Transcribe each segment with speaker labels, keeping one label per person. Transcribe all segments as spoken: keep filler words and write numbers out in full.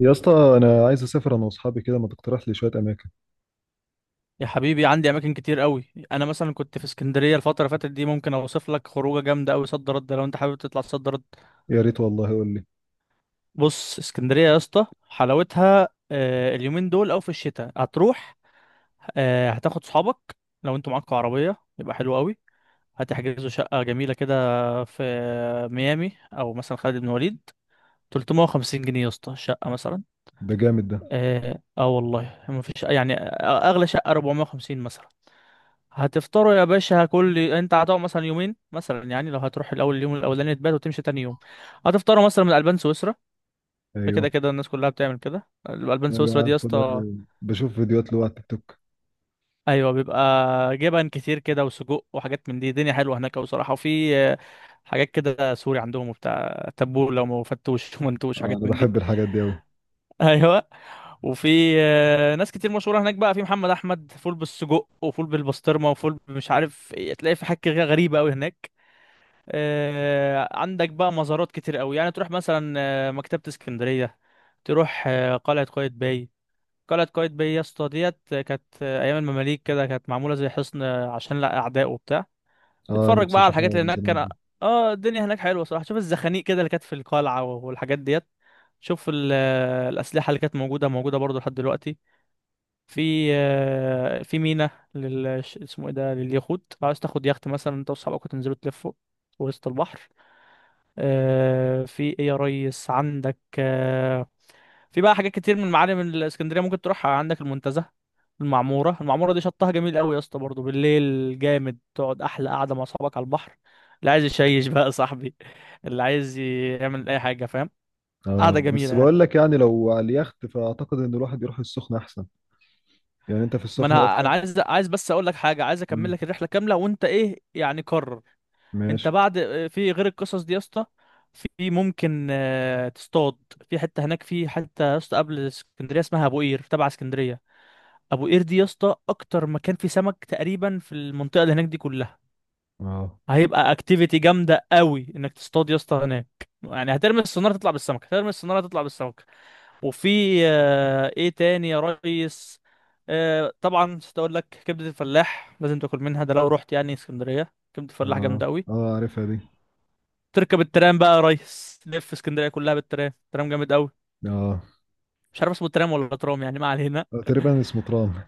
Speaker 1: يا اسطى، انا عايز اسافر انا واصحابي كده، ما تقترح لي شويه اماكن؟
Speaker 2: يا حبيبي عندي اماكن كتير قوي. انا مثلا كنت في اسكندريه الفتره اللي فاتت دي، ممكن اوصف لك خروجه جامده قوي. صد رد لو انت حابب تطلع صد رد.
Speaker 1: يا ريت والله، قول لي.
Speaker 2: بص اسكندريه يا اسطى حلاوتها، آه، اليومين دول او في الشتاء هتروح. آه، هتاخد صحابك. لو انتوا معاكوا عربيه يبقى حلو قوي. هتحجزوا شقه جميله كده في ميامي او مثلا خالد بن وليد. تلت ميه وخمسين جنيه يا اسطى الشقه مثلا.
Speaker 1: ده جامد ده.
Speaker 2: اه آه والله ما فيش يعني، آه، اغلى شقه اربعمئة وخمسين مثلا. هتفطروا يا باشا، كل. انت هتقعد مثلا يومين مثلا، يعني لو هتروح الاول، اليوم الاولاني تبات وتمشي تاني يوم. هتفطروا مثلا من البان سويسرا. ده كده
Speaker 1: ايوه،
Speaker 2: كده الناس كلها بتعمل كده، الالبان سويسرا
Speaker 1: ايوه،
Speaker 2: دي يا
Speaker 1: عارفه ده.
Speaker 2: اسطى.
Speaker 1: بشوف فيديوهات له على التيك توك.
Speaker 2: ايوه، بيبقى جبن كتير كده وسجق وحاجات من دي. الدنيا حلوه هناك بصراحه. وفي آه، حاجات كده سوري عندهم وبتاع. تبول لو فتوش ومنتوش
Speaker 1: آه،
Speaker 2: حاجات
Speaker 1: انا
Speaker 2: من دي.
Speaker 1: بحب الحاجات دي قوي.
Speaker 2: ايوه. وفي آه، ناس كتير مشهوره هناك بقى. في محمد احمد فول بالسجق، وفول بالبسطرمه، وفول مش عارف ايه. تلاقي في حاجه غريبه قوي هناك. آه، عندك بقى مزارات كتير قوي، يعني تروح مثلا آه، مكتبة اسكندرية. تروح آه، قلعة قايتباي. قلعة قايتباي يا اسطى ديت آه، كانت آه، أيام المماليك كده كانت معمولة زي حصن آه، عشان لا أعداء وبتاع.
Speaker 1: اه،
Speaker 2: تتفرج
Speaker 1: نفسي
Speaker 2: بقى على الحاجات
Speaker 1: اشوفها
Speaker 2: اللي
Speaker 1: من
Speaker 2: هناك
Speaker 1: زمان
Speaker 2: كان.
Speaker 1: دي.
Speaker 2: اه، الدنيا هناك حلوة صراحة. شوف الزخانيق كده اللي كانت في القلعة والحاجات ديت. شوف ال- آه، الأسلحة اللي كانت موجودة، موجودة برضه لحد دلوقتي. في آه، في ميناء لل ش- اسمه ايه ده، لليخوت. لو عايز تاخد يخت مثلا انت واصحابك وتنزلوا تلفوا في وسط البحر. آه، في ايه يا ريس، عندك آه، في بقى حاجات كتير من المعالم الاسكندريه ممكن تروحها. عندك المنتزه، المعموره. المعموره دي شطها جميل قوي يا اسطى. برضه بالليل جامد، تقعد احلى قعده مع اصحابك على البحر. اللي عايز يشيش بقى يا صاحبي، اللي عايز يعمل اي حاجه، فاهم.
Speaker 1: اه،
Speaker 2: قعده جميله
Speaker 1: بس
Speaker 2: يعني.
Speaker 1: بقول لك، يعني لو على اليخت فاعتقد ان الواحد يروح السخنه احسن. يعني انت في
Speaker 2: ما
Speaker 1: السخنه يا
Speaker 2: انا انا
Speaker 1: اسطى؟
Speaker 2: عايز عايز بس اقول لك حاجه، عايز اكمل
Speaker 1: مم.
Speaker 2: لك الرحله كامله وانت ايه يعني، قرر. انت
Speaker 1: ماشي.
Speaker 2: بعد، في غير القصص دي يا اسطى، في ممكن آه، تصطاد. في حته هناك، في حته يا اسطى قبل اسكندريه اسمها ابو قير، تبع اسكندريه. ابو قير دي يا اسطى اكتر مكان فيه سمك تقريبا في المنطقه اللي هناك دي كلها.
Speaker 1: اه،
Speaker 2: هيبقى اكتيفيتي جامده قوي انك تصطاد يا اسطى هناك. يعني هترمي الصناره تطلع بالسمك، هترمي الصناره تطلع بالسمك. وفي آه، ايه تاني يا ريس. آه، طبعا مش هقول لك كبده الفلاح، لازم تاكل منها. ده لو رحت يعني اسكندريه، كبده الفلاح
Speaker 1: اه،
Speaker 2: جامده قوي.
Speaker 1: اه، عارفها دي.
Speaker 2: تركب الترام بقى يا ريس، لف اسكندريه كلها بالترام. ترام جامد قوي.
Speaker 1: اه،
Speaker 2: مش عارف اسمه ترام ولا ترام، يعني ما علينا.
Speaker 1: آه، تقريبا اسمه ترام.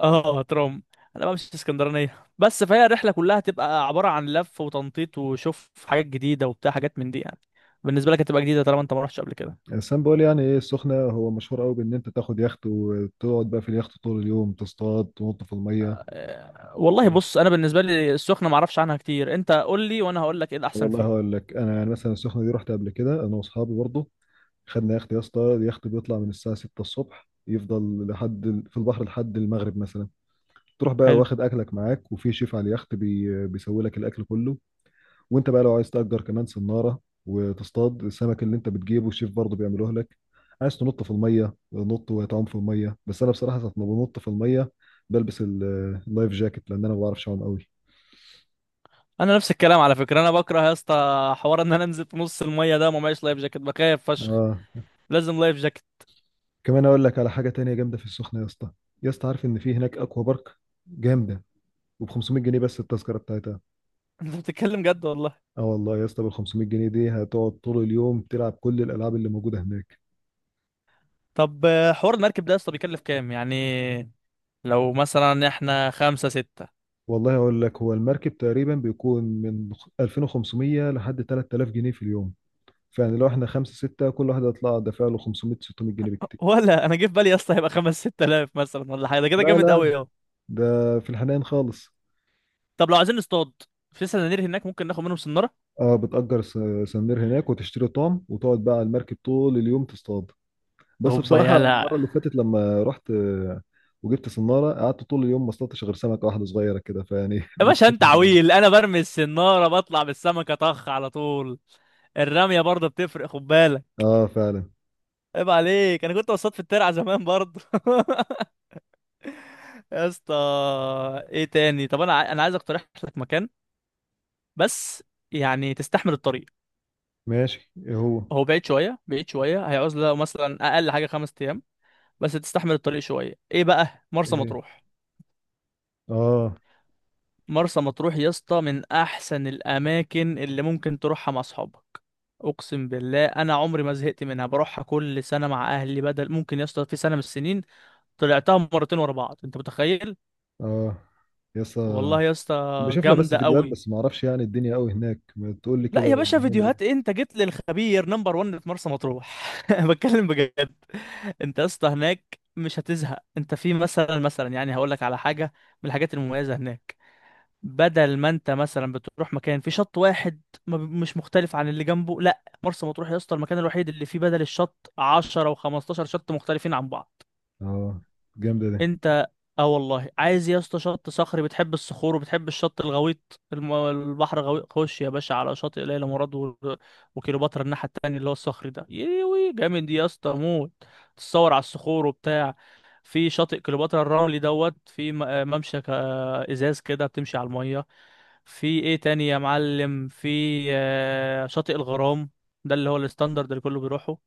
Speaker 2: اه، ترام. انا بقى مش اسكندرانيه بس، فهي الرحله كلها تبقى عباره عن لف وتنطيط وشوف حاجات جديده وبتاع، حاجات من دي يعني. بالنسبه لك هتبقى جديده طالما انت ما رحتش قبل كده.
Speaker 1: بس انا بقول يعني ايه، السخنه هو مشهور قوي بان انت تاخد يخت وتقعد بقى في اليخت طول اليوم تصطاد تنط في الميه.
Speaker 2: آه، والله
Speaker 1: كده.
Speaker 2: بص، انا بالنسبه لي السخنه ما اعرفش عنها كتير. انت قول لي وانا هقول لك ايه الاحسن
Speaker 1: والله
Speaker 2: فيهم.
Speaker 1: هقول لك انا، يعني مثلا السخنه دي رحت قبل كده انا واصحابي برضه. خدنا يخت يا اسطى، اليخت بيطلع من الساعه ستة الصبح، يفضل لحد ال- في البحر لحد المغرب مثلا. تروح بقى
Speaker 2: حلو.
Speaker 1: واخد اكلك معاك، وفي شيف على اليخت بي... بيسوي لك الاكل كله. وانت بقى لو عايز تأجر كمان صناره وتصطاد السمك اللي انت بتجيبه، الشيف برضه بيعملوه لك. عايز تنط في الميه نط وتعوم في الميه، بس انا بصراحه ساعه ما بنط في الميه بلبس ال- اللايف جاكيت، لان انا ما بعرفش اعوم قوي.
Speaker 2: انا نفس الكلام على فكره، انا بكره يا اسطى حوار ان انا انزل في نص الميه ده وما معيش لايف جاكيت، بخاف فشخ.
Speaker 1: اه،
Speaker 2: لازم لايف جاكيت.
Speaker 1: كمان اقول لك على حاجه تانية جامده في السخنه يا اسطى. يا اسطى، عارف ان في هناك اكوا بارك؟ جامده، وب خمسمائة جنيه بس التذكره بتاعتها.
Speaker 2: انت بتتكلم جد والله؟
Speaker 1: اه والله يا اسطى، بال خمسمائة جنيه دي هتقعد طول اليوم تلعب كل الالعاب اللي موجوده هناك.
Speaker 2: طب آه، حوار المركب ده اصلا بيكلف كام يعني، لو مثلا احنا خمسة ستة؟
Speaker 1: والله اقول لك، هو المركب تقريبا بيكون من الفين وخمسميه لحد تلات آلاف جنيه في اليوم. فيعني لو احنا خمسة ستة، كل واحد هيطلع دافع له خمسمائة، ستمائة جنيه بالكتير.
Speaker 2: ولا انا جه في بالي يا اسطى هيبقى خمس ستة آلاف مثلا ولا حاجة. ده كده
Speaker 1: لا،
Speaker 2: جامد
Speaker 1: لا،
Speaker 2: قوي اهو.
Speaker 1: ده في الحنان خالص.
Speaker 2: طب لو عايزين نصطاد، في سنانير هناك ممكن ناخد منهم سنارة؟
Speaker 1: اه، بتأجر س- سنير هناك وتشتري طعم وتقعد بقى على المركب طول اليوم تصطاد. بس
Speaker 2: هوبا
Speaker 1: بصراحة
Speaker 2: يلا.
Speaker 1: المرة اللي فاتت لما رحت آه، وجبت صنارة، قعدت طول اليوم ما اصطادتش غير سمكة واحدة صغيرة كده، فيعني
Speaker 2: يا باشا انت
Speaker 1: مشكلتها.
Speaker 2: عويل، انا برمي السنارة بطلع بالسمكة طخ على طول. الرمية برضه بتفرق خد بالك.
Speaker 1: اه، فعلا.
Speaker 2: عيب عليك، انا كنت بصطاد في الترعة زمان برضه. يا اسطى. ايه تاني؟ طب انا ع- انا عايز اقترح لك مكان بس، يعني تستحمل الطريق.
Speaker 1: ماشي، ايه هو؟
Speaker 2: هو بعيد شويه، بعيد شويه. هيعوز له مثلا اقل حاجه خمس ايام. بس تستحمل الطريق شويه. ايه بقى؟ مرسى
Speaker 1: ايه.
Speaker 2: مطروح.
Speaker 1: اه،
Speaker 2: مرسى مطروح يا اسطى من احسن الاماكن اللي ممكن تروحها مع اصحابك. اقسم بالله، انا عمري ما زهقت منها. بروحها كل سنه مع اهلي. بدل ممكن يا اسطى في سنه من السنين طلعتها مرتين ورا بعض، انت متخيل؟
Speaker 1: اه، يسا.
Speaker 2: والله يا اسطى.
Speaker 1: بشوف لها بس
Speaker 2: جامده
Speaker 1: فيديوهات،
Speaker 2: قوي.
Speaker 1: بس ما اعرفش يعني، الدنيا قوي هناك، ما تقول لي
Speaker 2: لا
Speaker 1: كده
Speaker 2: يا باشا،
Speaker 1: بنعمل ايه.
Speaker 2: فيديوهات إيه؟ انت جيت للخبير نمبر واحد في مرسى مطروح. بتكلم بجد. انت يا اسطى هناك مش هتزهق. انت في مثلا مثلا يعني هقول لك على حاجه من الحاجات المميزه هناك. بدل ما انت مثلا بتروح مكان في شط واحد ما ب- مش مختلف عن اللي جنبه، لا، مرسى مطروح يا اسطى المكان الوحيد اللي فيه بدل الشط عشر و15 شط مختلفين عن بعض.
Speaker 1: اه، جامدة دي.
Speaker 2: انت اه والله، عايز يا اسطى شط صخري، بتحب الصخور وبتحب الشط الغويط؟ الم... البحر غويط، خش يا باشا على شاطئ ليلى مراد و... وكليوباترا الناحية التانية اللي هو الصخري ده. يوي جامد يا اسطى موت. تتصور على الصخور وبتاع. في شاطئ كليوباترا الرملي دوت. في م- آه ممشى ك- آه ازاز كده بتمشي على المية. في ايه تاني يا معلم؟ في آه، شاطئ الغرام، ده اللي هو الستاندرد اللي كله بيروحه.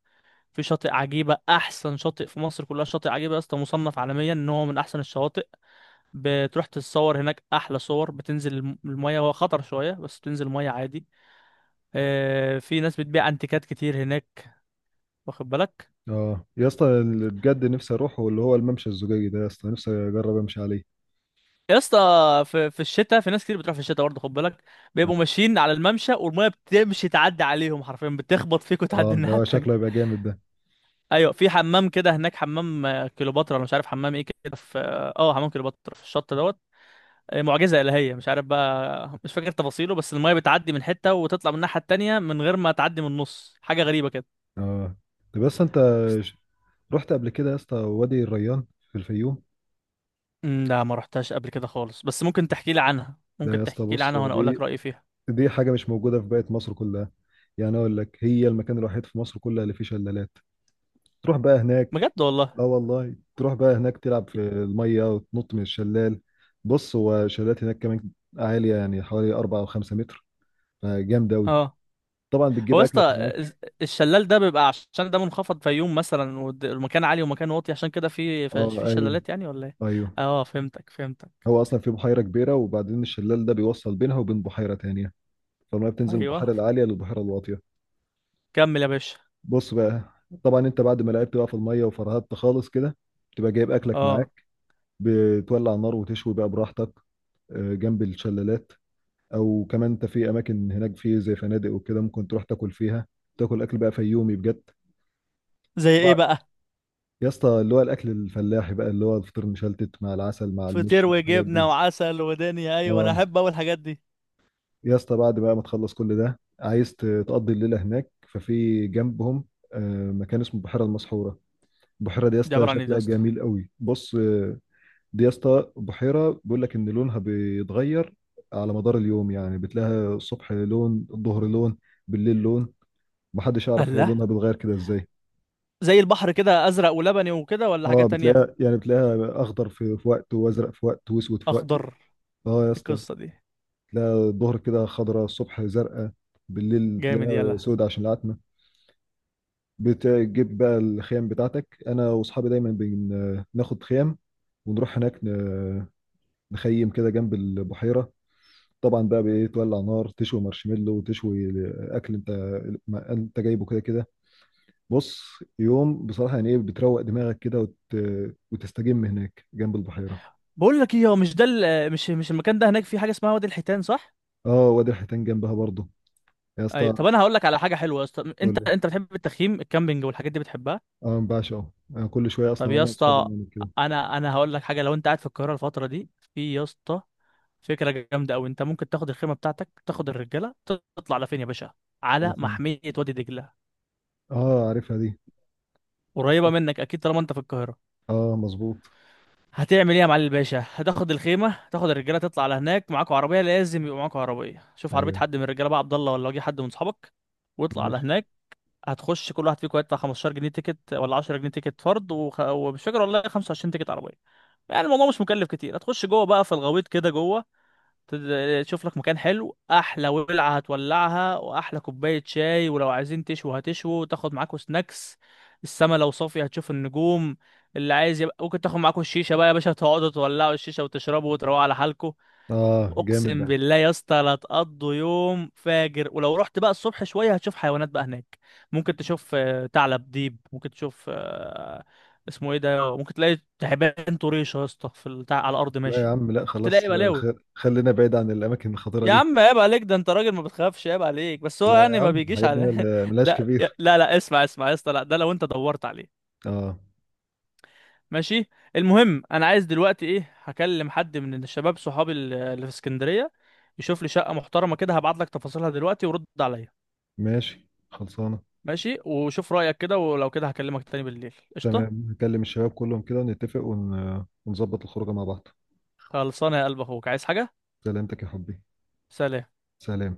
Speaker 2: في شاطئ عجيبة، أحسن شاطئ في مصر كلها. شاطئ عجيبة يا اسطى مصنف عالميا إن هو من أحسن الشواطئ. بتروح تتصور هناك أحلى صور. بتنزل الم- المية، هو خطر شوية بس بتنزل المية عادي. آه، في ناس بتبيع أنتيكات كتير هناك، واخد بالك؟
Speaker 1: اه يا اسطى، اللي بجد نفسي اروحه اللي هو الممشى الزجاجي ده، يا اسطى نفسي اجرب امشي عليه.
Speaker 2: يا اسطى، في في الشتاء في ناس كتير بتروح في الشتاء برضه، خد بالك. بيبقوا
Speaker 1: اه،
Speaker 2: ماشيين على الممشى والمية بتمشي تعدي عليهم حرفيا، بتخبط فيك وتعدي
Speaker 1: آه،
Speaker 2: الناحية
Speaker 1: ده
Speaker 2: التانية.
Speaker 1: شكله يبقى جامد ده.
Speaker 2: ايوه، في حمام كده هناك، حمام آه، كليوباترا، انا مش عارف حمام ايه كده، في اه آه، حمام كليوباترا في الشط دوت. معجزة إلهية، مش عارف بقى، مش فاكر تفاصيله، بس المايه بتعدي من حتة وتطلع من الناحية التانية من غير ما تعدي من النص، حاجة غريبة كده.
Speaker 1: اه طب، بس انت ش- رحت قبل كده يا اسطى وادي الريان في الفيوم؟
Speaker 2: أمم، لا، ما رحتهاش قبل كده خالص، بس ممكن تحكي لي عنها،
Speaker 1: لا يا
Speaker 2: ممكن
Speaker 1: اسطى،
Speaker 2: تحكي لي
Speaker 1: بص،
Speaker 2: عنها وانا اقول لك
Speaker 1: دي
Speaker 2: رأيي فيها.
Speaker 1: دي حاجه مش موجوده في باقي مصر كلها. يعني اقول لك، هي المكان الوحيد في مصر كلها اللي فيه شلالات. تروح بقى هناك.
Speaker 2: بجد والله؟
Speaker 1: اه والله، تروح بقى هناك تلعب في الميه وتنط من الشلال. بص، هو شلالات هناك كمان عاليه، يعني حوالي اربعه او خمسه متر، فجامد اوي.
Speaker 2: اه.
Speaker 1: طبعا
Speaker 2: هو
Speaker 1: بتجيب
Speaker 2: يا
Speaker 1: اكلك
Speaker 2: اسطى
Speaker 1: معاك.
Speaker 2: الز- الشلال ده بيبقى عشان ده منخفض فيوم مثلا والد- والمكان عالي ومكان واطي، عشان كده في في في
Speaker 1: اه، ايوه،
Speaker 2: شلالات، يعني ولا ايه؟
Speaker 1: ايوه.
Speaker 2: اه، فهمتك فهمتك.
Speaker 1: هو اصلا في بحيره كبيره، وبعدين الشلال ده بيوصل بينها وبين بحيره تانيه. فالميه بتنزل من
Speaker 2: ايوه،
Speaker 1: البحيره العاليه للبحيره الواطيه.
Speaker 2: كمل يا باشا.
Speaker 1: بص بقى. طبعا انت بعد ما لعبت بقى في الميه وفرهدت خالص كده، بتبقى جايب اكلك
Speaker 2: اه،
Speaker 1: معاك. بتولع النار وتشوي بقى براحتك، آه، جنب الشلالات. او كمان انت في اماكن هناك في زي فنادق وكده، ممكن تروح تاكل فيها. تاكل اكل بقى فيومي بجد.
Speaker 2: زي ايه
Speaker 1: بقى-
Speaker 2: بقى؟
Speaker 1: يا اسطى، اللي هو الاكل الفلاحي بقى، اللي هو الفطير مشلتت مع العسل مع
Speaker 2: فطير
Speaker 1: المش مع الحاجات دي.
Speaker 2: وجبنه وعسل ودنيا، ايوه انا
Speaker 1: اه
Speaker 2: احب اول الحاجات دي.
Speaker 1: يا اسطى، بعد بقى ما تخلص كل ده، عايز ت- تقضي الليله هناك، ففي جنبهم آه، مكان اسمه البحيره المسحوره. البحيره دي يا
Speaker 2: دي
Speaker 1: اسطى
Speaker 2: عبارة عن ايه دي يا
Speaker 1: شكلها
Speaker 2: اسطى؟
Speaker 1: جميل قوي، بص، آه، دي يا اسطى بحيره بيقول لك ان لونها بيتغير على مدار اليوم، يعني بتلاقيها الصبح لون، الظهر لون، بالليل لون. محدش يعرف هي
Speaker 2: الله.
Speaker 1: لونها بيتغير كده ازاي.
Speaker 2: زي البحر كده ازرق ولبني وكده ولا حاجة
Speaker 1: اه،
Speaker 2: تانية؟
Speaker 1: بتلاقيها يعني بتلاقيها اخضر في في وقت، وازرق في وقت، واسود في وقت.
Speaker 2: اخضر
Speaker 1: اه يا
Speaker 2: إيه؟
Speaker 1: اسطى،
Speaker 2: القصة دي؟
Speaker 1: تلاقيها الظهر كده خضراء، الصبح زرقاء، بالليل
Speaker 2: جامد
Speaker 1: تلاقيها
Speaker 2: يلا.
Speaker 1: سود عشان العتمه. بتجيب بقى الخيام بتاعتك، انا واصحابي دايما بناخد خيام. ونروح هناك ن- مخيم كده جنب البحيره. طبعا بقى بايه تولع نار، تشوي مارشميلو وتشوي اكل انت ما انت جايبه كده كده. بص. يوم بصراحه، يعني ايه، بتروق دماغك كده وت... وتستجم هناك جنب البحيره.
Speaker 2: بقول لك ايه، هو مش ده ال- مش مش المكان ده هناك في حاجة اسمها وادي الحيتان، صح؟
Speaker 1: اه، وادي الحيتان جنبها برضه يا
Speaker 2: ايوه.
Speaker 1: اسطى.
Speaker 2: طب انا هقول لك على حاجة حلوة يا اسطى، انت
Speaker 1: قول لي.
Speaker 2: انت بتحب التخييم الكامبينج والحاجات دي بتحبها؟
Speaker 1: اه، ما بعشقه. انا كل شويه
Speaker 2: طب
Speaker 1: اصلا
Speaker 2: يا
Speaker 1: انا واصحابي
Speaker 2: اسطى،
Speaker 1: بنعمل كده.
Speaker 2: انا انا هقول لك حاجة. لو انت قاعد في القاهرة الفترة دي، في يا اسطى فكرة جامدة أوي. أنت ممكن تاخد الخيمة بتاعتك، تاخد الرجالة. تطلع على فين يا باشا؟
Speaker 1: على
Speaker 2: على
Speaker 1: فين؟
Speaker 2: محمية وادي دجلة.
Speaker 1: اه، عارفها دي.
Speaker 2: قريبة منك أكيد طالما أنت في القاهرة.
Speaker 1: اه، مظبوط.
Speaker 2: هتعمل ايه يا معلم الباشا؟ هتاخد الخيمه، هتاخد الرجاله، تطلع على هناك. معاكوا عربيه، لازم يبقى معاكوا عربيه. شوف عربيه
Speaker 1: ايوه.
Speaker 2: حد من الرجاله بقى، عبد الله ولا واجي حد من صحابك، واطلع على
Speaker 1: ماشي.
Speaker 2: هناك. هتخش، كل واحد فيكم هيدفع خمستاشر جنيه تيكت ولا عشر جنيه تيكت فرد وخ... ومش فاكر والله، خمسة وعشرين تيكت عربيه. يعني الموضوع مش مكلف كتير. هتخش جوه بقى في الغويط كده جوه، تد- تشوف لك مكان حلو، احلى ولعه هتولعها واحلى كوبايه شاي، ولو عايزين تشوا هتشوا، وتاخد معاكوا سناكس. السما لو صافيه هتشوف النجوم. اللي عايز، يبقى ممكن تاخد معاكوا الشيشه بقى يا باشا، تقعدوا تولعوا الشيشه وتشربوا وتروقوا على حالكوا.
Speaker 1: اه، جامد
Speaker 2: اقسم
Speaker 1: ده.
Speaker 2: بالله يا اسطى لا تقضوا يوم فاجر. ولو رحت بقى الصبح شويه هتشوف حيوانات بقى هناك. ممكن تشوف آه، ثعلب، ديب، ممكن تشوف آه، اسمه ايه ده، ممكن تلاقي تعبان طريشه يا اسطى في التع- على الارض
Speaker 1: لا
Speaker 2: ماشي،
Speaker 1: يا عم، لا،
Speaker 2: ممكن تلاقي
Speaker 1: خلاص،
Speaker 2: بلاوي.
Speaker 1: خ- خلينا بعيد عن الاماكن الخطيره
Speaker 2: يا
Speaker 1: دي.
Speaker 2: عم عيب عليك، ده انت راجل ما بتخافش، عيب عليك. بس هو
Speaker 1: يا
Speaker 2: يعني ما
Speaker 1: عم
Speaker 2: بيجيش
Speaker 1: الحاجات دي
Speaker 2: على
Speaker 1: مل- ملهاش
Speaker 2: ده.
Speaker 1: كبير.
Speaker 2: لا لا، اسمع اسمع يا اسطى، لا، ده لو انت دورت عليه.
Speaker 1: اه.
Speaker 2: ماشي. المهم، انا عايز دلوقتي ايه، هكلم حد من الشباب صحابي ال- اللي في اسكندرية، يشوف لي شقة محترمة كده، هبعت لك تفاصيلها دلوقتي ورد عليا.
Speaker 1: ماشي، خلصانة.
Speaker 2: ماشي، وشوف رأيك كده، ولو كده هكلمك تاني بالليل، قشطة.
Speaker 1: تمام، هكلم الشباب كلهم كده ونتفق ون... ونظبط الخروجة مع بعض.
Speaker 2: خلصانة يا قلب اخوك، عايز حاجة؟
Speaker 1: سلامتك يا حبي.
Speaker 2: سلام.
Speaker 1: سلام.